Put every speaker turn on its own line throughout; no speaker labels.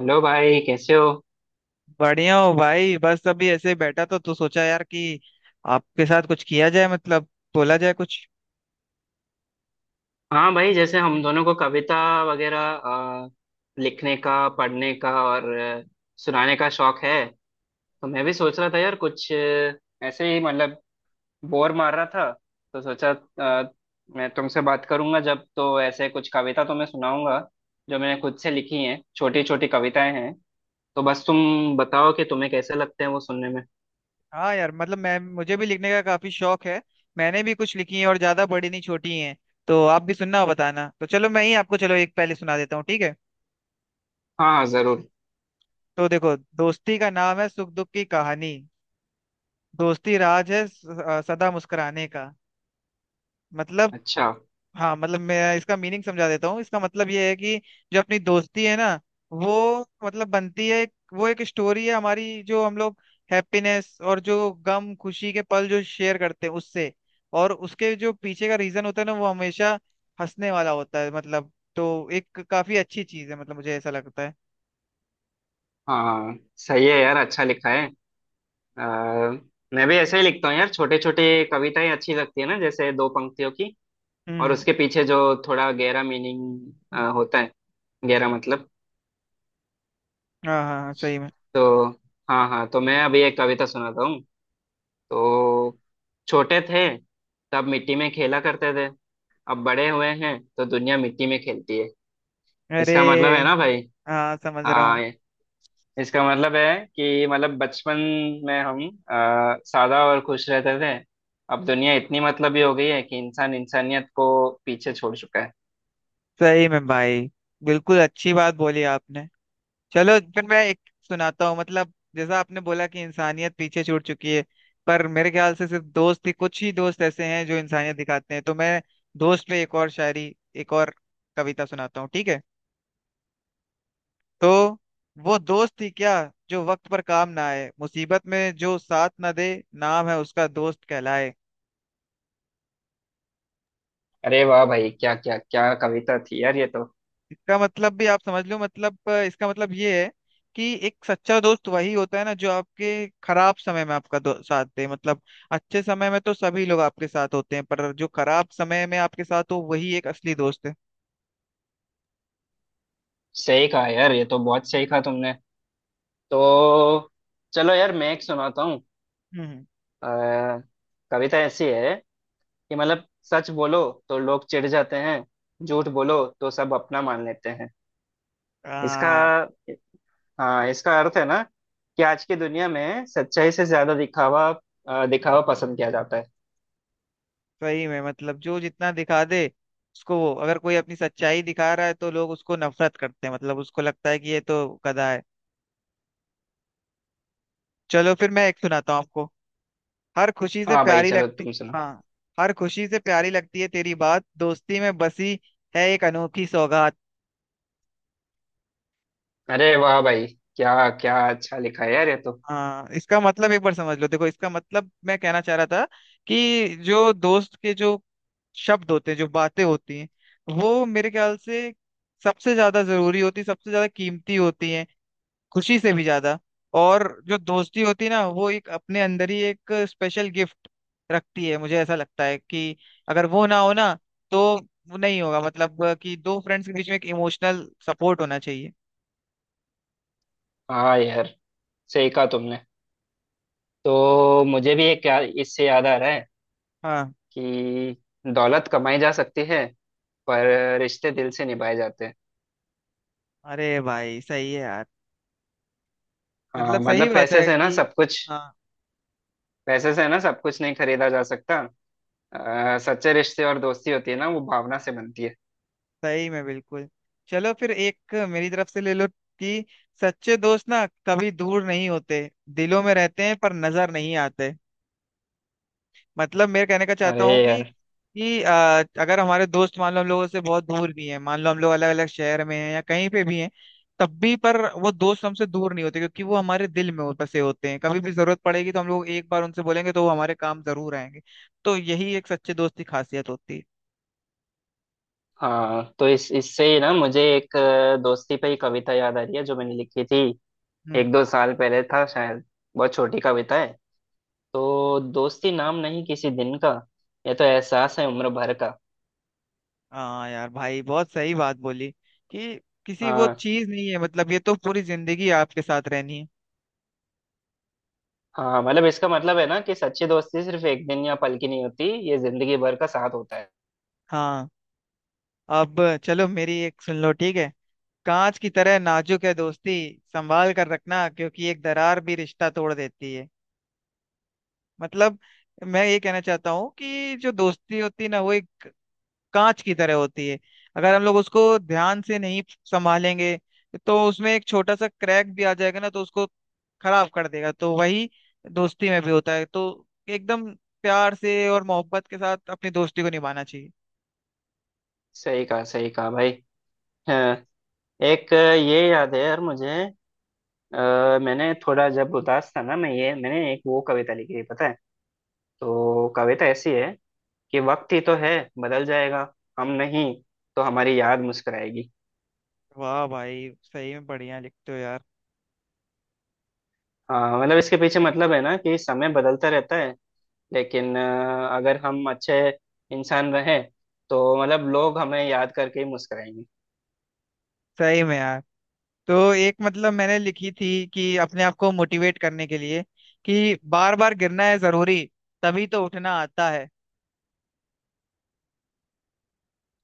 Hello भाई कैसे हो।
बढ़िया हो भाई। बस अभी ऐसे ही बैठा तो सोचा यार कि आपके साथ कुछ किया जाए मतलब बोला जाए कुछ।
हाँ भाई जैसे हम दोनों को कविता वगैरह लिखने का पढ़ने का और सुनाने का शौक है। तो मैं भी सोच रहा था यार कुछ ऐसे ही मतलब बोर मार रहा था। तो सोचा मैं तुमसे बात करूंगा जब तो ऐसे कुछ कविता तुम्हें सुनाऊंगा। जो मैंने खुद से लिखी हैं छोटी छोटी कविताएं हैं। तो बस तुम बताओ कि तुम्हें कैसे लगते हैं वो सुनने में।
हाँ यार, मतलब मैं मुझे भी लिखने का काफी शौक है। मैंने भी कुछ लिखी है और ज्यादा बड़ी नहीं, छोटी हैं। तो आप भी सुनना और बताना। तो चलो, मैं ही आपको चलो एक पहले सुना देता हूँ, ठीक है।
हाँ हाँ जरूर।
तो देखो, दोस्ती का नाम है सुख दुख की कहानी, दोस्ती राज है सदा मुस्कुराने का। मतलब।
अच्छा।
हाँ, मतलब मैं इसका मीनिंग समझा देता हूँ। इसका मतलब ये है कि जो अपनी दोस्ती है ना, वो मतलब बनती है। वो एक स्टोरी है हमारी, जो हम लोग हैप्पीनेस और जो गम खुशी के पल जो शेयर करते हैं उससे। और उसके जो पीछे का रीजन होता है ना, वो हमेशा हंसने वाला होता है मतलब। तो एक काफी अच्छी चीज है मतलब, मुझे ऐसा लगता है।
हाँ सही है यार अच्छा लिखा है। अ, मैं भी ऐसे ही लिखता हूँ यार छोटे छोटे कविताएं अच्छी लगती है ना जैसे दो पंक्तियों की। और
हम्म।
उसके पीछे जो थोड़ा गहरा मीनिंग होता है। गहरा मतलब।
हाँ हाँ हाँ, सही में।
तो हाँ हाँ तो मैं अभी एक कविता सुनाता हूँ। तो छोटे थे तब मिट्टी में खेला करते थे। अब बड़े हुए हैं तो दुनिया मिट्टी में खेलती है। इसका मतलब है ना
अरे।
भाई।
हाँ, समझ रहा
हाँ
हूँ।
इसका मतलब है कि मतलब बचपन में हम सादा और खुश रहते थे। अब दुनिया इतनी मतलबी हो गई है कि इंसान इंसानियत को पीछे छोड़ चुका है।
सही में भाई, बिल्कुल अच्छी बात बोली आपने। चलो फिर मैं एक सुनाता हूँ। मतलब जैसा आपने बोला कि इंसानियत पीछे छूट चुकी है, पर मेरे ख्याल से सिर्फ दोस्त ही, कुछ ही दोस्त ऐसे हैं जो इंसानियत दिखाते हैं। तो मैं दोस्त पे एक और कविता सुनाता हूँ, ठीक है। तो, वो दोस्त ही क्या जो वक्त पर काम ना आए, मुसीबत में जो साथ ना दे, नाम है उसका दोस्त कहलाए।
अरे वाह भाई क्या क्या क्या कविता थी यार ये तो।
इसका मतलब भी आप समझ लो। मतलब इसका मतलब ये है कि एक सच्चा दोस्त वही होता है ना, जो आपके खराब समय में आपका साथ दे। मतलब अच्छे समय में तो सभी लोग आपके साथ होते हैं, पर जो खराब समय में आपके साथ हो वही एक असली दोस्त है।
सही कहा यार ये तो बहुत सही कहा तुमने। तो चलो यार मैं एक सुनाता हूँ।
हम्म।
अ, कविता ऐसी है कि मतलब सच बोलो तो लोग चिढ़ जाते हैं। झूठ बोलो तो सब अपना मान लेते हैं। इसका
हाँ,
हाँ इसका अर्थ है ना कि आज की दुनिया में सच्चाई से ज्यादा दिखावा दिखावा पसंद किया जाता है।
सही में, मतलब जो जितना दिखा दे उसको, वो अगर कोई अपनी सच्चाई दिखा रहा है तो लोग उसको नफरत करते हैं, मतलब उसको लगता है कि ये तो गधा है। चलो फिर मैं एक सुनाता हूँ आपको। हर खुशी से
हाँ भाई
प्यारी
चलो
लगती।
तुम सुनो।
हाँ, हर खुशी से प्यारी लगती है तेरी बात, दोस्ती में बसी है एक अनोखी सौगात।
अरे वाह भाई क्या क्या अच्छा लिखा है यार ये तो।
हाँ, इसका मतलब एक बार समझ लो। देखो, इसका मतलब मैं कहना चाह रहा था कि जो दोस्त के जो शब्द होते हैं, जो बातें होती हैं, वो मेरे ख्याल से सबसे ज्यादा कीमती होती हैं, खुशी से भी ज्यादा। और जो दोस्ती होती है ना, वो एक अपने अंदर ही एक स्पेशल गिफ्ट रखती है। मुझे ऐसा लगता है कि अगर वो ना हो ना, तो वो नहीं होगा, मतलब कि दो फ्रेंड्स के बीच में एक इमोशनल सपोर्ट होना चाहिए।
हाँ यार सही कहा तुमने। तो मुझे भी एक इससे याद आ रहा है
हाँ।
कि दौलत कमाई जा सकती है पर रिश्ते दिल से निभाए जाते हैं।
अरे भाई सही है यार। मतलब
हाँ
सही
मतलब
बात
पैसे
है
से ना
कि,
सब कुछ।
हाँ।
पैसे से ना सब कुछ नहीं खरीदा जा सकता। सच्चे रिश्ते और दोस्ती होती है ना वो भावना से बनती है।
सही में, बिल्कुल। चलो फिर एक मेरी तरफ से ले लो, कि सच्चे दोस्त ना कभी दूर नहीं होते, दिलों में रहते हैं पर नजर नहीं आते। मतलब मैं कहने का चाहता हूँ
अरे
कि,
यार।
कि अ, अगर हमारे दोस्त, मान लो हम लोगों से बहुत दूर भी हैं, मान लो हम लोग अलग अलग शहर में हैं या कहीं पे भी हैं, तब भी पर वो दोस्त हमसे दूर नहीं होते, क्योंकि वो हमारे दिल में बसे होते हैं। कभी भी जरूरत पड़ेगी तो हम लोग एक बार उनसे बोलेंगे तो वो हमारे काम जरूर आएंगे। तो यही एक सच्चे दोस्त की खासियत होती है।
हाँ तो इस इससे ही ना मुझे एक दोस्ती पे ही कविता याद आ रही है जो मैंने लिखी थी
हम्म।
एक दो साल पहले था शायद। बहुत छोटी कविता है। तो दोस्ती नाम नहीं किसी दिन का। ये तो एहसास है उम्र भर का।
हाँ यार भाई, बहुत सही बात बोली कि, किसी वो
हाँ
चीज नहीं है मतलब, ये तो पूरी जिंदगी आपके साथ रहनी है।
हाँ मतलब इसका मतलब है ना कि सच्ची दोस्ती सिर्फ एक दिन या पल की नहीं होती। ये जिंदगी भर का साथ होता है।
हाँ। अब चलो मेरी एक सुन लो, ठीक है। कांच की तरह नाजुक है दोस्ती, संभाल कर रखना, क्योंकि एक दरार भी रिश्ता तोड़ देती है। मतलब मैं ये कहना चाहता हूँ कि जो दोस्ती होती है ना, वो एक कांच की तरह होती है। अगर हम लोग उसको ध्यान से नहीं संभालेंगे, तो उसमें एक छोटा सा क्रैक भी आ जाएगा ना, तो उसको खराब कर देगा। तो वही दोस्ती में भी होता है। तो एकदम प्यार से और मोहब्बत के साथ अपनी दोस्ती को निभाना चाहिए।
सही कहा भाई। हाँ एक ये याद है यार मुझे मैंने थोड़ा जब उदास था ना मैं ये मैंने एक वो कविता लिखी थी पता है। तो कविता ऐसी है कि वक्त ही तो है बदल जाएगा हम नहीं। तो हमारी याद मुस्कुराएगी।
वाह भाई, सही में बढ़िया लिखते हो यार।
हाँ मतलब इसके पीछे मतलब है ना कि समय बदलता रहता है लेकिन अगर हम अच्छे इंसान रहें तो मतलब लोग हमें याद करके ही मुस्कुराएंगे।
सही में यार। तो एक मतलब मैंने लिखी थी कि अपने आप को मोटिवेट करने के लिए, कि बार बार गिरना है जरूरी, तभी तो उठना आता है।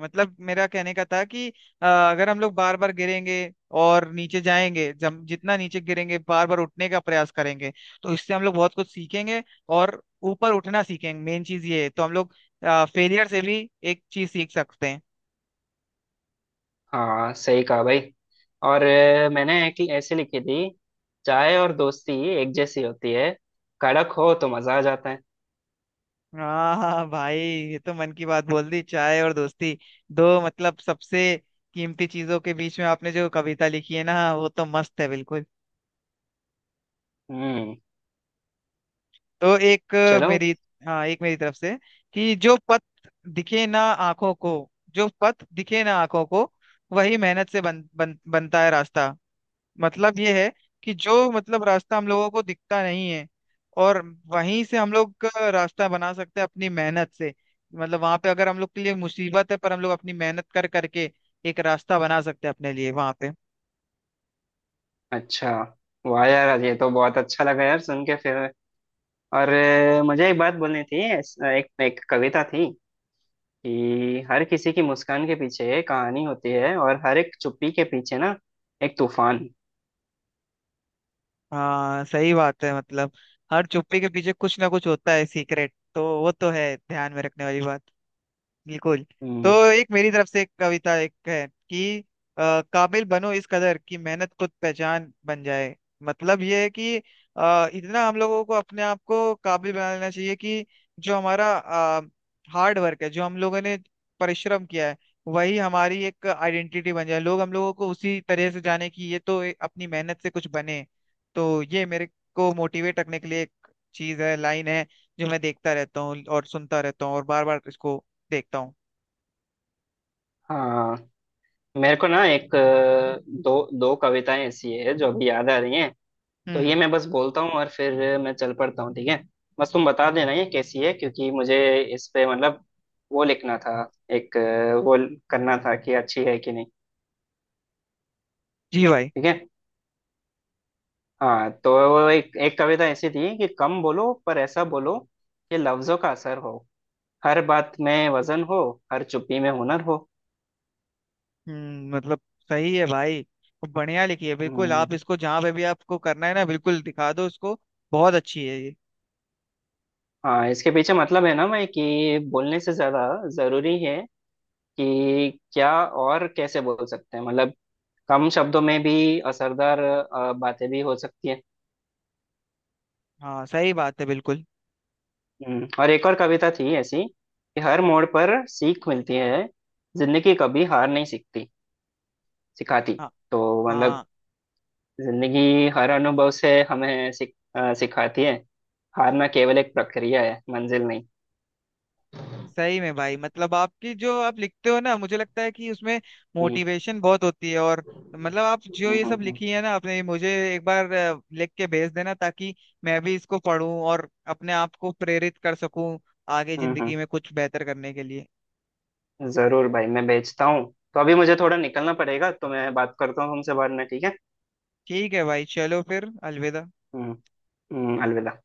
मतलब मेरा कहने का था कि, अगर हम लोग बार बार गिरेंगे और नीचे जाएंगे, जब जितना नीचे गिरेंगे, बार बार उठने का प्रयास करेंगे, तो इससे हम लोग बहुत कुछ सीखेंगे और ऊपर उठना सीखेंगे। मेन चीज ये है। तो हम लोग फेलियर से भी एक चीज सीख सकते हैं।
हाँ सही कहा भाई। और मैंने एक ऐसे लिखी थी। चाय और दोस्ती एक जैसी होती है। कड़क हो तो मजा आ जाता है।
हाँ हाँ भाई, ये तो मन की बात बोल दी। चाय और दोस्ती दो, मतलब सबसे कीमती चीजों के बीच में आपने जो कविता लिखी है ना, वो तो मस्त है बिल्कुल।
हम्म।
तो एक
चलो
मेरी। हाँ, एक मेरी तरफ से, कि जो पथ दिखे ना आंखों को, जो पथ दिखे ना आंखों को, वही मेहनत से बन, बन, बनता है रास्ता। मतलब ये है कि जो मतलब रास्ता हम लोगों को दिखता नहीं है, और वहीं से हम लोग का रास्ता बना सकते हैं अपनी मेहनत से। मतलब वहां पे अगर हम लोग के लिए मुसीबत है, पर हम लोग अपनी मेहनत कर करके एक रास्ता बना सकते हैं अपने लिए वहां पे।
अच्छा वाह यार ये तो बहुत अच्छा लगा यार सुन के फिर। और मुझे एक बात बोलनी थी एक एक कविता थी कि हर किसी की मुस्कान के पीछे एक कहानी होती है और हर एक चुप्पी के पीछे ना एक तूफान।
हाँ, सही बात है। मतलब हर चुप्पी के पीछे कुछ ना कुछ होता है सीक्रेट, तो वो तो है ध्यान में रखने वाली बात। बिल्कुल। तो
हम्म,
एक मेरी तरफ से एक कविता एक है कि, काबिल बनो इस कदर कि मेहनत खुद पहचान बन जाए। मतलब ये है कि, इतना हम लोगों को अपने आप को काबिल बना लेना चाहिए कि जो हमारा हार्ड वर्क है, जो हम लोगों ने परिश्रम किया है, वही हमारी एक आइडेंटिटी बन जाए, लोग हम लोगों को उसी तरह से जाने कि ये तो अपनी मेहनत से कुछ बने। तो ये मेरे को मोटिवेट रखने के लिए एक चीज है, लाइन है, जो मैं देखता रहता हूँ और सुनता रहता हूँ और बार बार इसको देखता हूँ।
हाँ मेरे को ना एक दो दो कविताएं ऐसी है जो अभी याद आ रही हैं। तो ये
हम्म।
मैं बस बोलता हूँ और फिर मैं चल पड़ता हूँ ठीक है। बस तुम बता देना ये कैसी है क्योंकि मुझे इस पे मतलब वो लिखना था एक वो करना था कि अच्छी है कि नहीं।
जी भाई।
ठीक है। हाँ तो वो एक एक कविता ऐसी थी कि कम बोलो पर ऐसा बोलो कि लफ्जों का असर हो। हर बात में वजन हो। हर चुप्पी में हुनर हो।
हम्म, मतलब सही है भाई, बढ़िया लिखी है बिल्कुल। आप
हम्म,
इसको जहाँ पे भी आपको करना है ना, बिल्कुल दिखा दो उसको। बहुत अच्छी है ये।
हाँ इसके पीछे मतलब है ना मैं कि बोलने से ज्यादा जरूरी है कि क्या और कैसे बोल सकते हैं मतलब कम शब्दों में भी असरदार बातें भी हो सकती है।
हाँ, सही बात है बिल्कुल।
और एक और कविता थी ऐसी कि हर मोड़ पर सीख मिलती है। जिंदगी कभी हार नहीं सीखती सिखाती।
हाँ।
तो मतलब
हाँ
जिंदगी हर अनुभव से हमें सिखाती है। हारना केवल एक प्रक्रिया है मंजिल नहीं।
सही में भाई, मतलब आपकी जो आप लिखते हो ना, मुझे लगता है कि उसमें
हम्म।
मोटिवेशन बहुत होती है। और मतलब आप जो
हम्म।
ये सब
हम्म।
लिखी है ना आपने, मुझे एक बार लिख के भेज देना, ताकि मैं भी इसको पढूं और अपने आप को प्रेरित कर सकूं आगे
हम्म,
जिंदगी में कुछ बेहतर करने के लिए।
जरूर भाई मैं भेजता हूँ। तो अभी मुझे थोड़ा निकलना पड़ेगा तो मैं बात करता हूँ तुमसे बाद में ठीक है।
ठीक है भाई, चलो फिर अलविदा।
हम्म। अलविदा।